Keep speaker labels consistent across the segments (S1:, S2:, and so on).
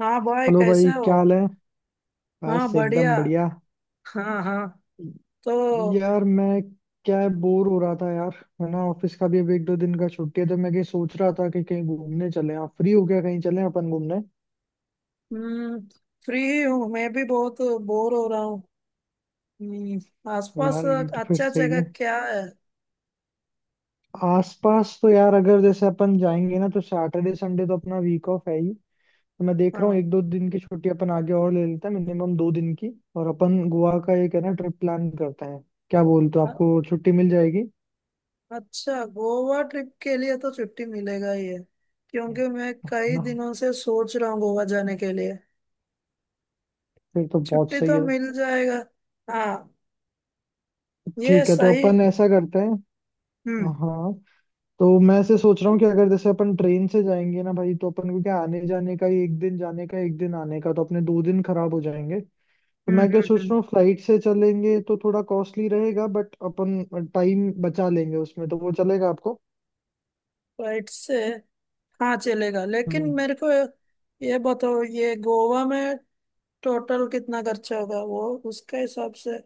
S1: हाँ, bye,
S2: hello भाई,
S1: कैसे हो?
S2: क्या हाल है।
S1: हाँ,
S2: बस
S1: बढ़िया।
S2: एकदम बढ़िया।
S1: हाँ हाँ। तो।
S2: यार मैं, क्या है बोर हो रहा था यार। है ना, ऑफिस का भी अब एक दो दिन का छुट्टी है, तो मैं कहीं सोच रहा था कि कहीं घूमने चले आप फ्री हो गया, कहीं चले अपन घूमने।
S1: हम्म। फ्री ही हूँ, मैं भी बहुत बोर हो रहा हूँ। हम्म, आसपास
S2: यार ये तो फिर
S1: अच्छा
S2: सही
S1: जगह
S2: है।
S1: क्या है?
S2: आसपास तो यार अगर जैसे अपन जाएंगे ना, तो सैटरडे संडे तो अपना वीक ऑफ है ही। तो मैं देख रहा हूँ, एक
S1: हाँ।
S2: दो दिन की छुट्टी अपन आगे और ले लेते हैं, मिनिमम दो दिन की। और अपन गोवा का, एक है ना, ट्रिप प्लान करते हैं। क्या बोलते हो,
S1: अ-
S2: आपको छुट्टी मिल जाएगी?
S1: अच्छा, गोवा ट्रिप के लिए तो छुट्टी मिलेगा ही है।
S2: है
S1: क्योंकि मैं कई
S2: ना,
S1: दिनों से सोच रहा हूँ गोवा जाने के लिए।
S2: फिर तो बहुत
S1: छुट्टी
S2: सही
S1: तो
S2: है।
S1: मिल जाएगा। हाँ, ये
S2: ठीक है, तो
S1: सही।
S2: अपन ऐसा करते हैं।
S1: हम्म
S2: हाँ, तो मैं ऐसे सोच रहा हूँ कि अगर जैसे अपन ट्रेन से जाएंगे ना भाई, तो अपन को क्या, आने जाने का ही एक दिन जाने का, एक दिन आने का, तो अपने दो दिन खराब हो जाएंगे। तो मैं क्या
S1: हम्म।
S2: सोच
S1: हम्म,
S2: रहा हूँ, फ्लाइट से चलेंगे तो थोड़ा कॉस्टली रहेगा, बट अपन टाइम बचा लेंगे उसमें, तो वो चलेगा आपको?
S1: फ्लाइट से। हाँ, चलेगा। लेकिन
S2: हम्म।
S1: मेरे को ये बताओ, ये गोवा में टोटल कितना खर्चा होगा वो, उसके हिसाब से?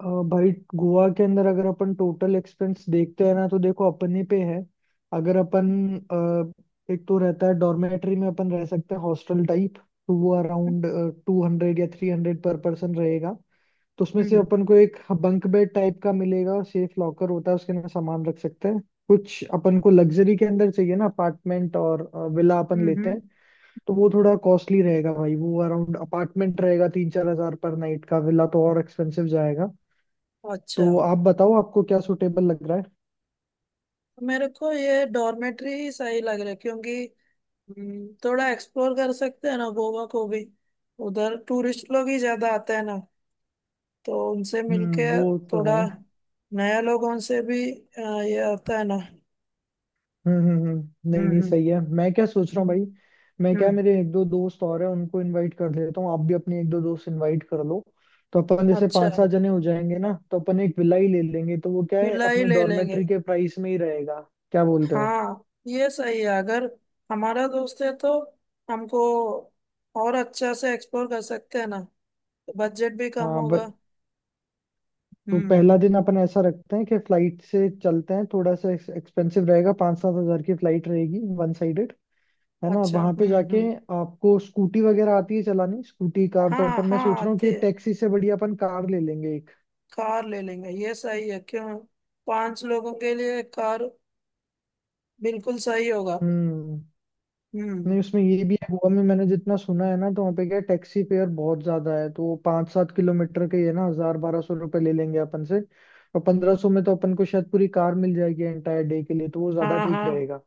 S2: अ, भाई गोवा के अंदर अगर अपन टोटल एक्सपेंस देखते हैं ना, तो देखो, अपन ही पे है। अगर अपन, एक तो रहता है डॉर्मेट्री में, अपन रह सकते हैं हॉस्टल टाइप, तो वो अराउंड 200 या 300 पर पर्सन रहेगा। तो उसमें से
S1: हम्म
S2: अपन को एक बंक बेड टाइप का मिलेगा, और सेफ लॉकर होता है, उसके अंदर सामान रख सकते हैं। कुछ अपन को लग्जरी के अंदर चाहिए ना, अपार्टमेंट और विला अपन लेते
S1: हम्म।
S2: हैं, तो वो थोड़ा कॉस्टली रहेगा भाई। वो अराउंड अपार्टमेंट रहेगा 3-4 हज़ार पर नाइट का, विला तो और एक्सपेंसिव जाएगा। तो
S1: अच्छा।
S2: आप बताओ, आपको क्या सुटेबल लग रहा है।
S1: मेरे को ये डॉर्मेट्री ही सही लग रहा है क्योंकि थोड़ा एक्सप्लोर कर सकते हैं ना गोवा को भी। उधर टूरिस्ट लोग ही ज्यादा आते हैं ना। तो उनसे मिलके
S2: हम्म, वो तो है।
S1: थोड़ा नया लोगों से भी ये आता है ना।
S2: हम्म, हम्म, हम्म, नहीं
S1: हम्म
S2: नहीं,
S1: हम्म
S2: सही है। मैं क्या सोच रहा हूँ
S1: हम्म।
S2: भाई, मैं क्या,
S1: हम्म।
S2: मेरे एक दो दोस्त और हैं, उनको इनवाइट कर लेता हूँ, आप भी अपने एक दो दोस्त इनवाइट कर लो। तो अपन जैसे
S1: अच्छा।
S2: पांच सात जने हो जाएंगे ना, तो अपन एक विला ही ले लेंगे, तो वो क्या है,
S1: विला ही
S2: अपने
S1: ले लेंगे।
S2: डॉर्मेट्री के प्राइस में ही रहेगा। क्या बोलते हो?
S1: हाँ, ये सही है। अगर हमारा दोस्त है तो हमको और अच्छा से एक्सप्लोर कर सकते हैं ना। तो बजट भी कम
S2: हाँ,
S1: होगा।
S2: तो
S1: हम्म।
S2: पहला दिन अपन ऐसा रखते हैं कि फ्लाइट से चलते हैं, थोड़ा सा एक्सपेंसिव रहेगा, 5-7 हज़ार की फ्लाइट रहेगी वन साइड। है ना, और
S1: अच्छा।
S2: वहां पे जाके
S1: हम्म।
S2: आपको स्कूटी वगैरह आती है चलानी, स्कूटी कार? तो
S1: हाँ
S2: अपन, मैं
S1: हाँ,
S2: सोच रहा हूँ
S1: आते।
S2: कि टैक्सी से बढ़िया अपन कार ले लेंगे एक।
S1: कार ले लेंगे, ये सही है क्यों। पांच लोगों के लिए कार बिल्कुल सही होगा।
S2: हम्म,
S1: हम्म।
S2: नहीं उसमें ये भी है, गोवा में मैंने जितना सुना है ना, तो वहाँ पे क्या, टैक्सी फेयर बहुत ज्यादा है, तो वो 5-7 किलोमीटर के ये ना 1000-1200 रुपये ले लेंगे अपन से। और 1500 में तो अपन को शायद पूरी कार मिल जाएगी एंटायर डे के लिए, तो वो ज्यादा
S1: हाँ
S2: ठीक
S1: हाँ,
S2: रहेगा।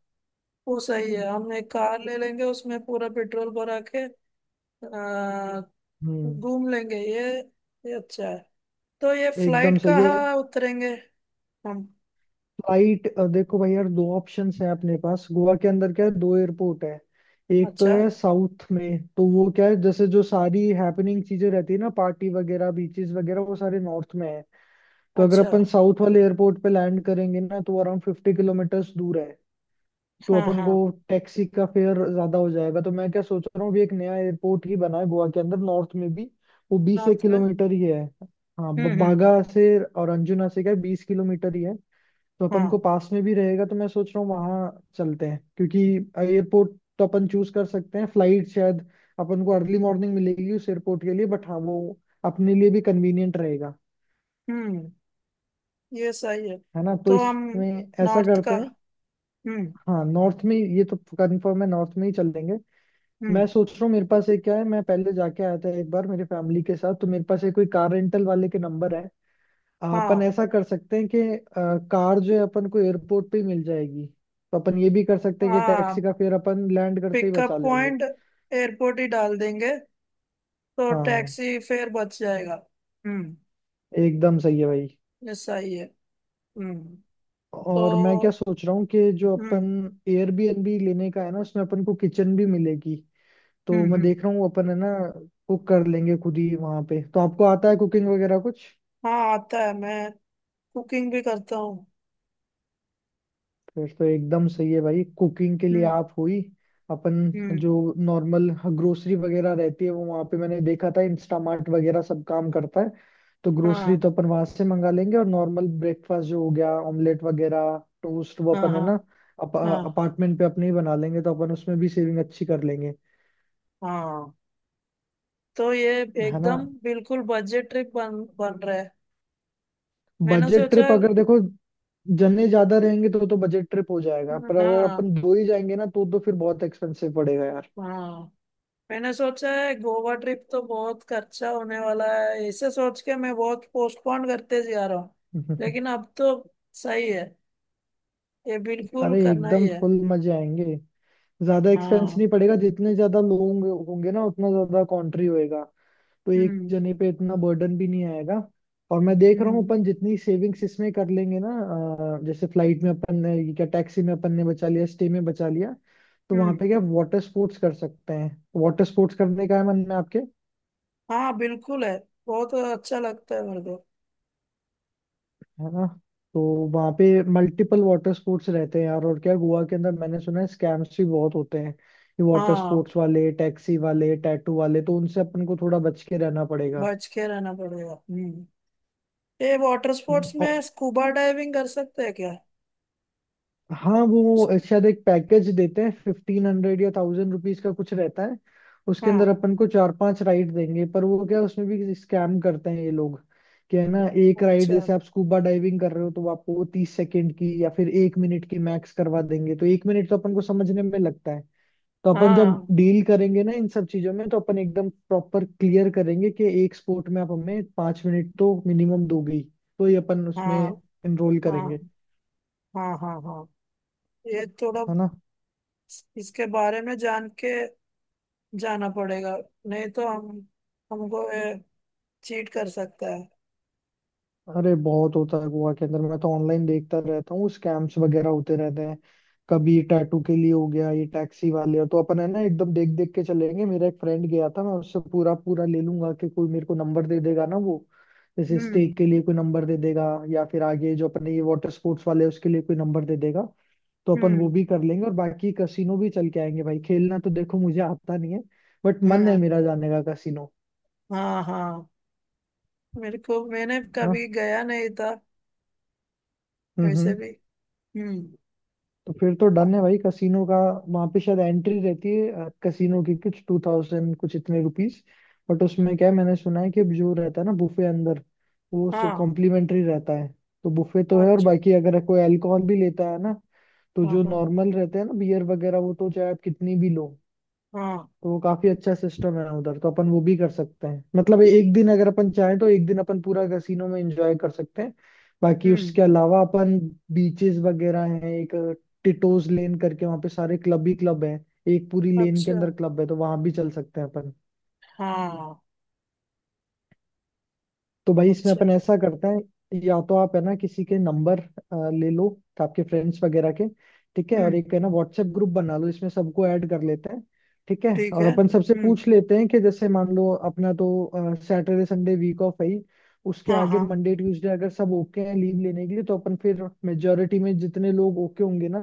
S1: वो सही है। हम एक कार ले लेंगे उसमें पूरा पेट्रोल भरा के आ,
S2: हम्म,
S1: घूम लेंगे। ये अच्छा है। तो ये फ्लाइट
S2: एकदम सही है।
S1: कहाँ उतरेंगे? हम।
S2: फ्लाइट, देखो भाई यार, दो ऑप्शंस है अपने पास। गोवा के अंदर क्या है, दो एयरपोर्ट है। एक तो
S1: अच्छा,
S2: है साउथ में, तो वो क्या है, जैसे जो सारी हैपनिंग चीजें रहती है ना, पार्टी वगैरह, बीचेस वगैरह, वो सारे नॉर्थ में है। तो अगर
S1: अच्छा।
S2: अपन साउथ वाले एयरपोर्ट पे लैंड करेंगे ना, तो अराउंड 50 किलोमीटर्स दूर है, तो
S1: हाँ
S2: अपन को
S1: हाँ।
S2: टैक्सी का फेयर ज्यादा हो जाएगा। तो मैं क्या सोच रहा हूँ, अभी एक नया एयरपोर्ट ही बना है गोवा के अंदर नॉर्थ में भी, वो बीस एक
S1: नॉर्थ में?
S2: किलोमीटर ही है। हाँ,
S1: हम्म,
S2: बागा से और अंजुना से क्या 20 किलोमीटर ही है। तो अपन
S1: हाँ।
S2: को पास में भी रहेगा, तो मैं सोच रहा हूँ वहां चलते हैं, क्योंकि एयरपोर्ट तो अपन चूज कर सकते हैं। फ्लाइट शायद अपन को अर्ली मॉर्निंग मिलेगी उस एयरपोर्ट के लिए, बट हाँ वो अपने लिए भी कन्वीनियंट रहेगा।
S1: हम्म। ये सही है।
S2: है ना, तो
S1: तो हम
S2: इसमें ऐसा
S1: नॉर्थ
S2: करते
S1: का।
S2: हैं।
S1: हम्म
S2: हाँ नॉर्थ में, ये तो कंफर्म है, नॉर्थ में ही चलेंगे। मैं
S1: हम्म।
S2: सोच रहा हूँ, मेरे पास एक क्या है, मैं पहले जाके आया था एक बार मेरे फैमिली के साथ, तो मेरे पास एक कोई कार रेंटल वाले के नंबर है।
S1: हाँ
S2: अपन ऐसा कर सकते हैं कि कार जो है अपन को एयरपोर्ट पे ही मिल जाएगी, तो अपन ये भी कर सकते हैं कि
S1: हाँ।
S2: टैक्सी का फेयर अपन लैंड करते ही बचा
S1: पिकअप
S2: लेंगे।
S1: पॉइंट एयरपोर्ट ही डाल देंगे। तो
S2: हाँ
S1: टैक्सी फेयर बच जाएगा। हम्म।
S2: एकदम सही है भाई।
S1: ये सही है। हम्म।
S2: और मैं क्या
S1: तो।
S2: सोच रहा हूँ कि जो
S1: हम्म
S2: अपन Airbnb लेने का है ना, उसमें अपन को किचन भी मिलेगी, तो मैं
S1: हम्म।
S2: देख रहा हूँ अपन है ना कुक कर लेंगे खुद ही वहां पे। तो आपको आता है कुकिंग वगैरह कुछ?
S1: हाँ, आता है। मैं कुकिंग भी करता हूँ।
S2: फिर तो एकदम सही है भाई, कुकिंग के लिए
S1: हम्म।
S2: आप हुई। अपन
S1: हम्म।
S2: जो नॉर्मल ग्रोसरी वगैरह रहती है, वो वहां पे मैंने देखा था इंस्टामार्ट वगैरह सब काम करता है, तो ग्रोसरी
S1: हाँ।
S2: तो अपन वहां से मंगा लेंगे, और नॉर्मल ब्रेकफास्ट जो हो गया ऑमलेट वगैरह, टोस्ट, वो
S1: हाँ
S2: अपन है
S1: हाँ।
S2: ना
S1: हाँ
S2: अपार्टमेंट पे अपने ही बना लेंगे, तो अपन उसमें भी सेविंग अच्छी कर लेंगे।
S1: हाँ। तो ये
S2: है ना,
S1: एकदम बिल्कुल बजट ट्रिप बन बन रहा है। मैंने
S2: बजट
S1: सोचा।
S2: ट्रिप अगर देखो, जने ज्यादा रहेंगे तो बजट ट्रिप हो जाएगा, पर अगर
S1: हाँ
S2: अपन दो ही जाएंगे ना तो फिर बहुत एक्सपेंसिव पड़ेगा यार।
S1: हाँ। मैंने सोचा है गोवा ट्रिप तो बहुत खर्चा होने वाला है। ऐसे सोच के मैं बहुत पोस्टपोन करते जा रहा हूँ। लेकिन अब तो सही है, ये बिल्कुल
S2: अरे
S1: करना ही
S2: एकदम
S1: है।
S2: फुल मजे आएंगे, ज्यादा एक्सपेंस
S1: हाँ।
S2: नहीं पड़ेगा, जितने ज्यादा लोग होंगे होंगे ना उतना ज्यादा कंट्री होएगा, तो एक
S1: हम्म
S2: जने पे इतना बर्डन भी नहीं आएगा। और मैं देख रहा हूँ
S1: हम्म
S2: अपन जितनी सेविंग्स इसमें कर लेंगे ना, जैसे फ्लाइट में अपन ने, ये क्या, टैक्सी में अपन ने बचा लिया, स्टे में बचा लिया, तो वहां
S1: हम्म।
S2: पे क्या वाटर स्पोर्ट्स कर सकते हैं। वाटर स्पोर्ट्स करने का है मन में आपके?
S1: हाँ, बिल्कुल है। बहुत अच्छा लगता है मेरे को।
S2: है ना, तो वहाँ पे मल्टीपल वाटर स्पोर्ट्स रहते हैं यार, और क्या गोवा के अंदर मैंने सुना है स्कैम्स भी बहुत होते हैं, ये वाटर
S1: हाँ,
S2: स्पोर्ट्स वाले, टैक्सी वाले, टैटू वाले, तो उनसे अपन को थोड़ा बच के रहना पड़ेगा।
S1: बच के रहना पड़ेगा। हम्म। ये वाटर
S2: हम्म,
S1: स्पोर्ट्स
S2: औ-
S1: में स्कूबा डाइविंग कर सकते हैं क्या?
S2: हाँ वो शायद एक पैकेज देते हैं, 1500 या 1000 रुपीज का कुछ रहता है, उसके अंदर
S1: हाँ।
S2: अपन को चार पांच राइड देंगे, पर वो क्या, उसमें भी स्कैम करते हैं ये लोग। कि है ना, एक राइड
S1: अच्छा।
S2: जैसे आप स्कूबा डाइविंग कर रहे हो, तो वो आपको वो 30 सेकेंड की या फिर एक मिनट की मैक्स करवा देंगे, तो एक मिनट तो अपन को समझने में लगता है। तो अपन जब
S1: हाँ
S2: डील करेंगे ना इन सब चीजों में, तो अपन एकदम प्रॉपर क्लियर करेंगे कि एक स्पोर्ट में आप हमें 5 मिनट तो मिनिमम दोगे ही, तो ये अपन उसमें
S1: हाँ
S2: इनरोल
S1: हाँ
S2: करेंगे।
S1: हाँ हाँ हाँ। ये थोड़ा,
S2: है ना,
S1: इसके बारे में जान के जाना पड़ेगा। नहीं तो हम हमको चीट कर सकता है।
S2: अरे बहुत होता है गोवा के अंदर, मैं तो ऑनलाइन देखता रहता हूँ स्कैम्स वगैरह होते रहते हैं, कभी टैटू के लिए हो गया, ये टैक्सी वाले, तो अपन है ना एकदम देख देख के चलेंगे। मेरा एक फ्रेंड गया था, मैं उससे पूरा पूरा ले लूंगा कि कोई मेरे को नंबर दे देगा ना वो, जैसे स्टेक
S1: हम्म
S2: के लिए कोई नंबर दे देगा, या फिर आगे जो अपने ये वाटर स्पोर्ट्स वाले हैं, उसके लिए कोई नंबर दे देगा, तो अपन वो
S1: हम्म।
S2: भी कर लेंगे। और बाकी कसिनो भी चल के आएंगे भाई, खेलना तो देखो मुझे आता नहीं है, बट मन है
S1: हाँ
S2: मेरा जाने का कसिनो।
S1: हाँ हाँ। मेरे को, मैंने
S2: ना,
S1: कभी गया नहीं था
S2: हम्म,
S1: वैसे
S2: हम्म।
S1: भी। हम्म।
S2: तो फिर तो डन है भाई कसिनो का। वहां पे शायद एंट्री रहती है कसिनो की कुछ 2000 कुछ इतने रुपीस, बट उसमें क्या है, मैंने सुना है कि जो रहता है ना बुफे अंदर, वो
S1: हाँ।
S2: कॉम्प्लीमेंट्री रहता है, तो बुफे तो है। और
S1: अच्छा।
S2: बाकी अगर कोई अल्कोहल भी लेता है ना, तो
S1: हाँ
S2: जो
S1: हाँ
S2: नॉर्मल रहते हैं ना बियर वगैरह, वो तो चाहे आप कितनी भी लो।
S1: हाँ।
S2: तो वो काफी अच्छा सिस्टम है उधर, तो अपन वो भी कर सकते हैं, मतलब एक दिन अगर अपन चाहें तो एक दिन अपन पूरा कैसीनो में एंजॉय कर सकते हैं। बाकी
S1: हम्म।
S2: उसके अलावा अपन बीचेस वगैरह हैं, एक टिटोज लेन करके वहाँ पे सारे क्लब ही क्लब हैं, एक पूरी लेन के
S1: अच्छा।
S2: अंदर क्लब है, तो वहां भी चल सकते हैं अपन।
S1: हाँ।
S2: तो भाई इसमें
S1: अच्छा।
S2: अपन ऐसा करते हैं, या तो आप है ना किसी के नंबर ले लो, आपके फ्रेंड्स वगैरह के। ठीक है, और
S1: हम्म।
S2: एक है ना व्हाट्सएप ग्रुप बना लो, इसमें सबको ऐड कर लेते हैं। ठीक है,
S1: ठीक
S2: और
S1: है।
S2: अपन सबसे
S1: हम्म।
S2: पूछ लेते हैं कि जैसे मान लो अपना तो सैटरडे संडे वीक ऑफ है ही, उसके
S1: हाँ
S2: आगे
S1: हाँ।
S2: मंडे ट्यूसडे अगर सब ओके हैं लीव लेने के लिए, तो अपन फिर मेजोरिटी में जितने लोग ओके होंगे ना,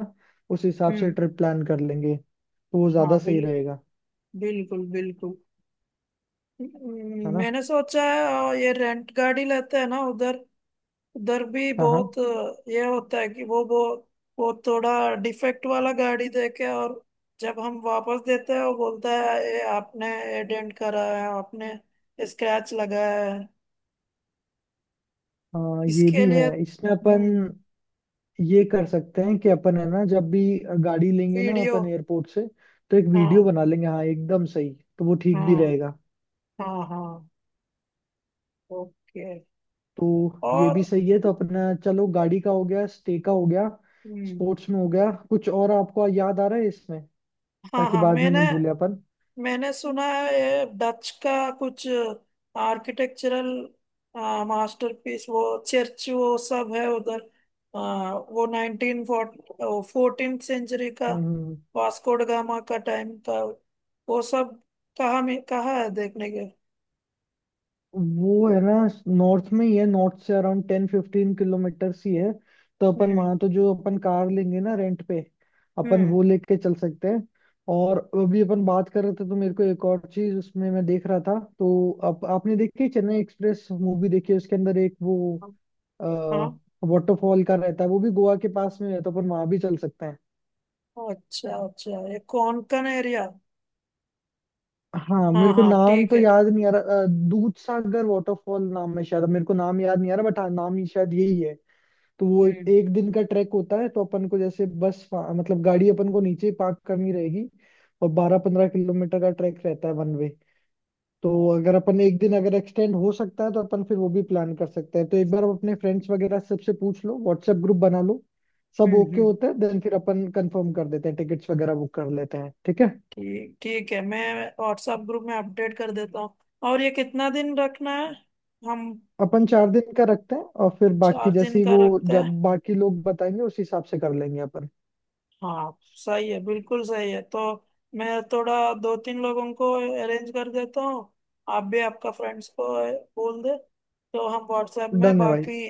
S2: उस हिसाब से
S1: हम्म।
S2: ट्रिप प्लान कर लेंगे, तो वो ज्यादा
S1: हाँ, बिल
S2: सही रहेगा।
S1: बिल्कुल बिल्कुल।
S2: है ना,
S1: मैंने सोचा है। और ये रेंट गाड़ी लेते हैं ना उधर, उधर भी
S2: हाँ हाँ
S1: बहुत ये होता है कि वो थोड़ा डिफेक्ट वाला गाड़ी देके, और जब हम वापस देते हैं वो बोलता है ये आपने, ये डेंट करा है आपने, स्क्रैच लगाया है,
S2: हाँ, ये
S1: इसके
S2: भी है,
S1: लिए।
S2: इसमें अपन
S1: हम्म।
S2: ये कर सकते हैं कि अपन है ना जब भी गाड़ी लेंगे ना
S1: वीडियो।
S2: अपन एयरपोर्ट से, तो एक वीडियो
S1: हाँ
S2: बना लेंगे, हाँ एकदम सही, तो वो ठीक
S1: हाँ
S2: भी रहेगा।
S1: हाँ हाँ। ओके।
S2: तो ये
S1: और।
S2: भी सही है, तो अपना चलो गाड़ी का हो गया, स्टे का हो गया,
S1: हम्म।
S2: स्पोर्ट्स में हो गया, कुछ और आपको याद आ रहा है इसमें,
S1: हाँ
S2: ताकि
S1: हाँ,
S2: बाद में
S1: मैंने।
S2: नहीं भूले अपन।
S1: मैंने सुना है ये डच का कुछ आर्किटेक्चरल मास्टरपीस, वो चर्च, वो सब है उधर। वो नाइनटीन फोर्टीन सेंचुरी का,
S2: हम्म,
S1: वास्को ड गामा का टाइम का वो सब। कहाँ में कहाँ है देखने के?
S2: वो है ना नॉर्थ में ही है, नॉर्थ से अराउंड 10-15 किलोमीटर ही है, तो अपन
S1: हम्म
S2: वहां तो जो अपन कार लेंगे ना रेंट पे अपन वो
S1: हम्म।
S2: लेके चल सकते हैं। और अभी अपन बात कर रहे थे तो मेरे को एक और चीज उसमें मैं देख रहा था, तो आपने देखी चेन्नई एक्सप्रेस मूवी देखी है? उसके अंदर एक वो
S1: हाँ।
S2: वाटरफॉल का रहता है, वो भी गोवा के पास में है, तो अपन वहां भी चल सकते हैं।
S1: अच्छा, अच्छा, ये कोंकण एरिया?
S2: हाँ
S1: हाँ
S2: मेरे को
S1: हाँ,
S2: नाम
S1: ठीक
S2: तो
S1: है।
S2: याद नहीं आ रहा, दूध सागर वाटरफॉल नाम है शायद, मेरे को नाम याद नहीं आ रहा, बट हाँ नाम ही शायद यही है। तो वो एक,
S1: हम्म
S2: एक दिन का ट्रैक होता है, तो अपन को जैसे बस मतलब गाड़ी अपन को नीचे पार्क करनी रहेगी, और 12-15 किलोमीटर का ट्रैक रहता है वन वे। तो अगर अपन एक दिन अगर एक्सटेंड हो सकता है, तो अपन फिर वो भी प्लान कर सकते हैं। तो एक बार आप अपने फ्रेंड्स वगैरह सबसे पूछ लो, व्हाट्सएप ग्रुप बना लो, सब
S1: हम्म।
S2: ओके
S1: हम्म,
S2: होता है देन फिर अपन कंफर्म कर देते हैं, टिकट्स वगैरह बुक कर लेते हैं, ठीक है।
S1: ठीक ठीक है। मैं व्हाट्सएप ग्रुप में अपडेट कर देता हूँ। और ये कितना दिन रखना है? हम।
S2: अपन 4 दिन का रखते हैं और फिर बाकी
S1: चार
S2: जैसे
S1: दिन
S2: ही
S1: का
S2: वो
S1: रखते
S2: जब
S1: हैं।
S2: बाकी लोग बताएंगे उस हिसाब से कर लेंगे अपन।
S1: हाँ, सही है, बिल्कुल सही है। तो मैं थोड़ा दो तीन लोगों को अरेंज कर देता हूँ। आप भी आपका फ्रेंड्स को बोल दे, तो हम व्हाट्सएप में
S2: डन है भाई,
S1: बाकी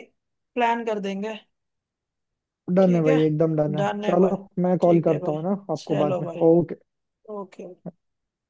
S1: प्लान कर देंगे।
S2: डन है
S1: ठीक है।
S2: भाई, एकदम डन है,
S1: डन है
S2: चलो
S1: भाई।
S2: मैं कॉल
S1: ठीक है
S2: करता हूँ
S1: भाई।
S2: ना आपको बाद
S1: चलो
S2: में,
S1: भाई।
S2: ओके।
S1: ओके।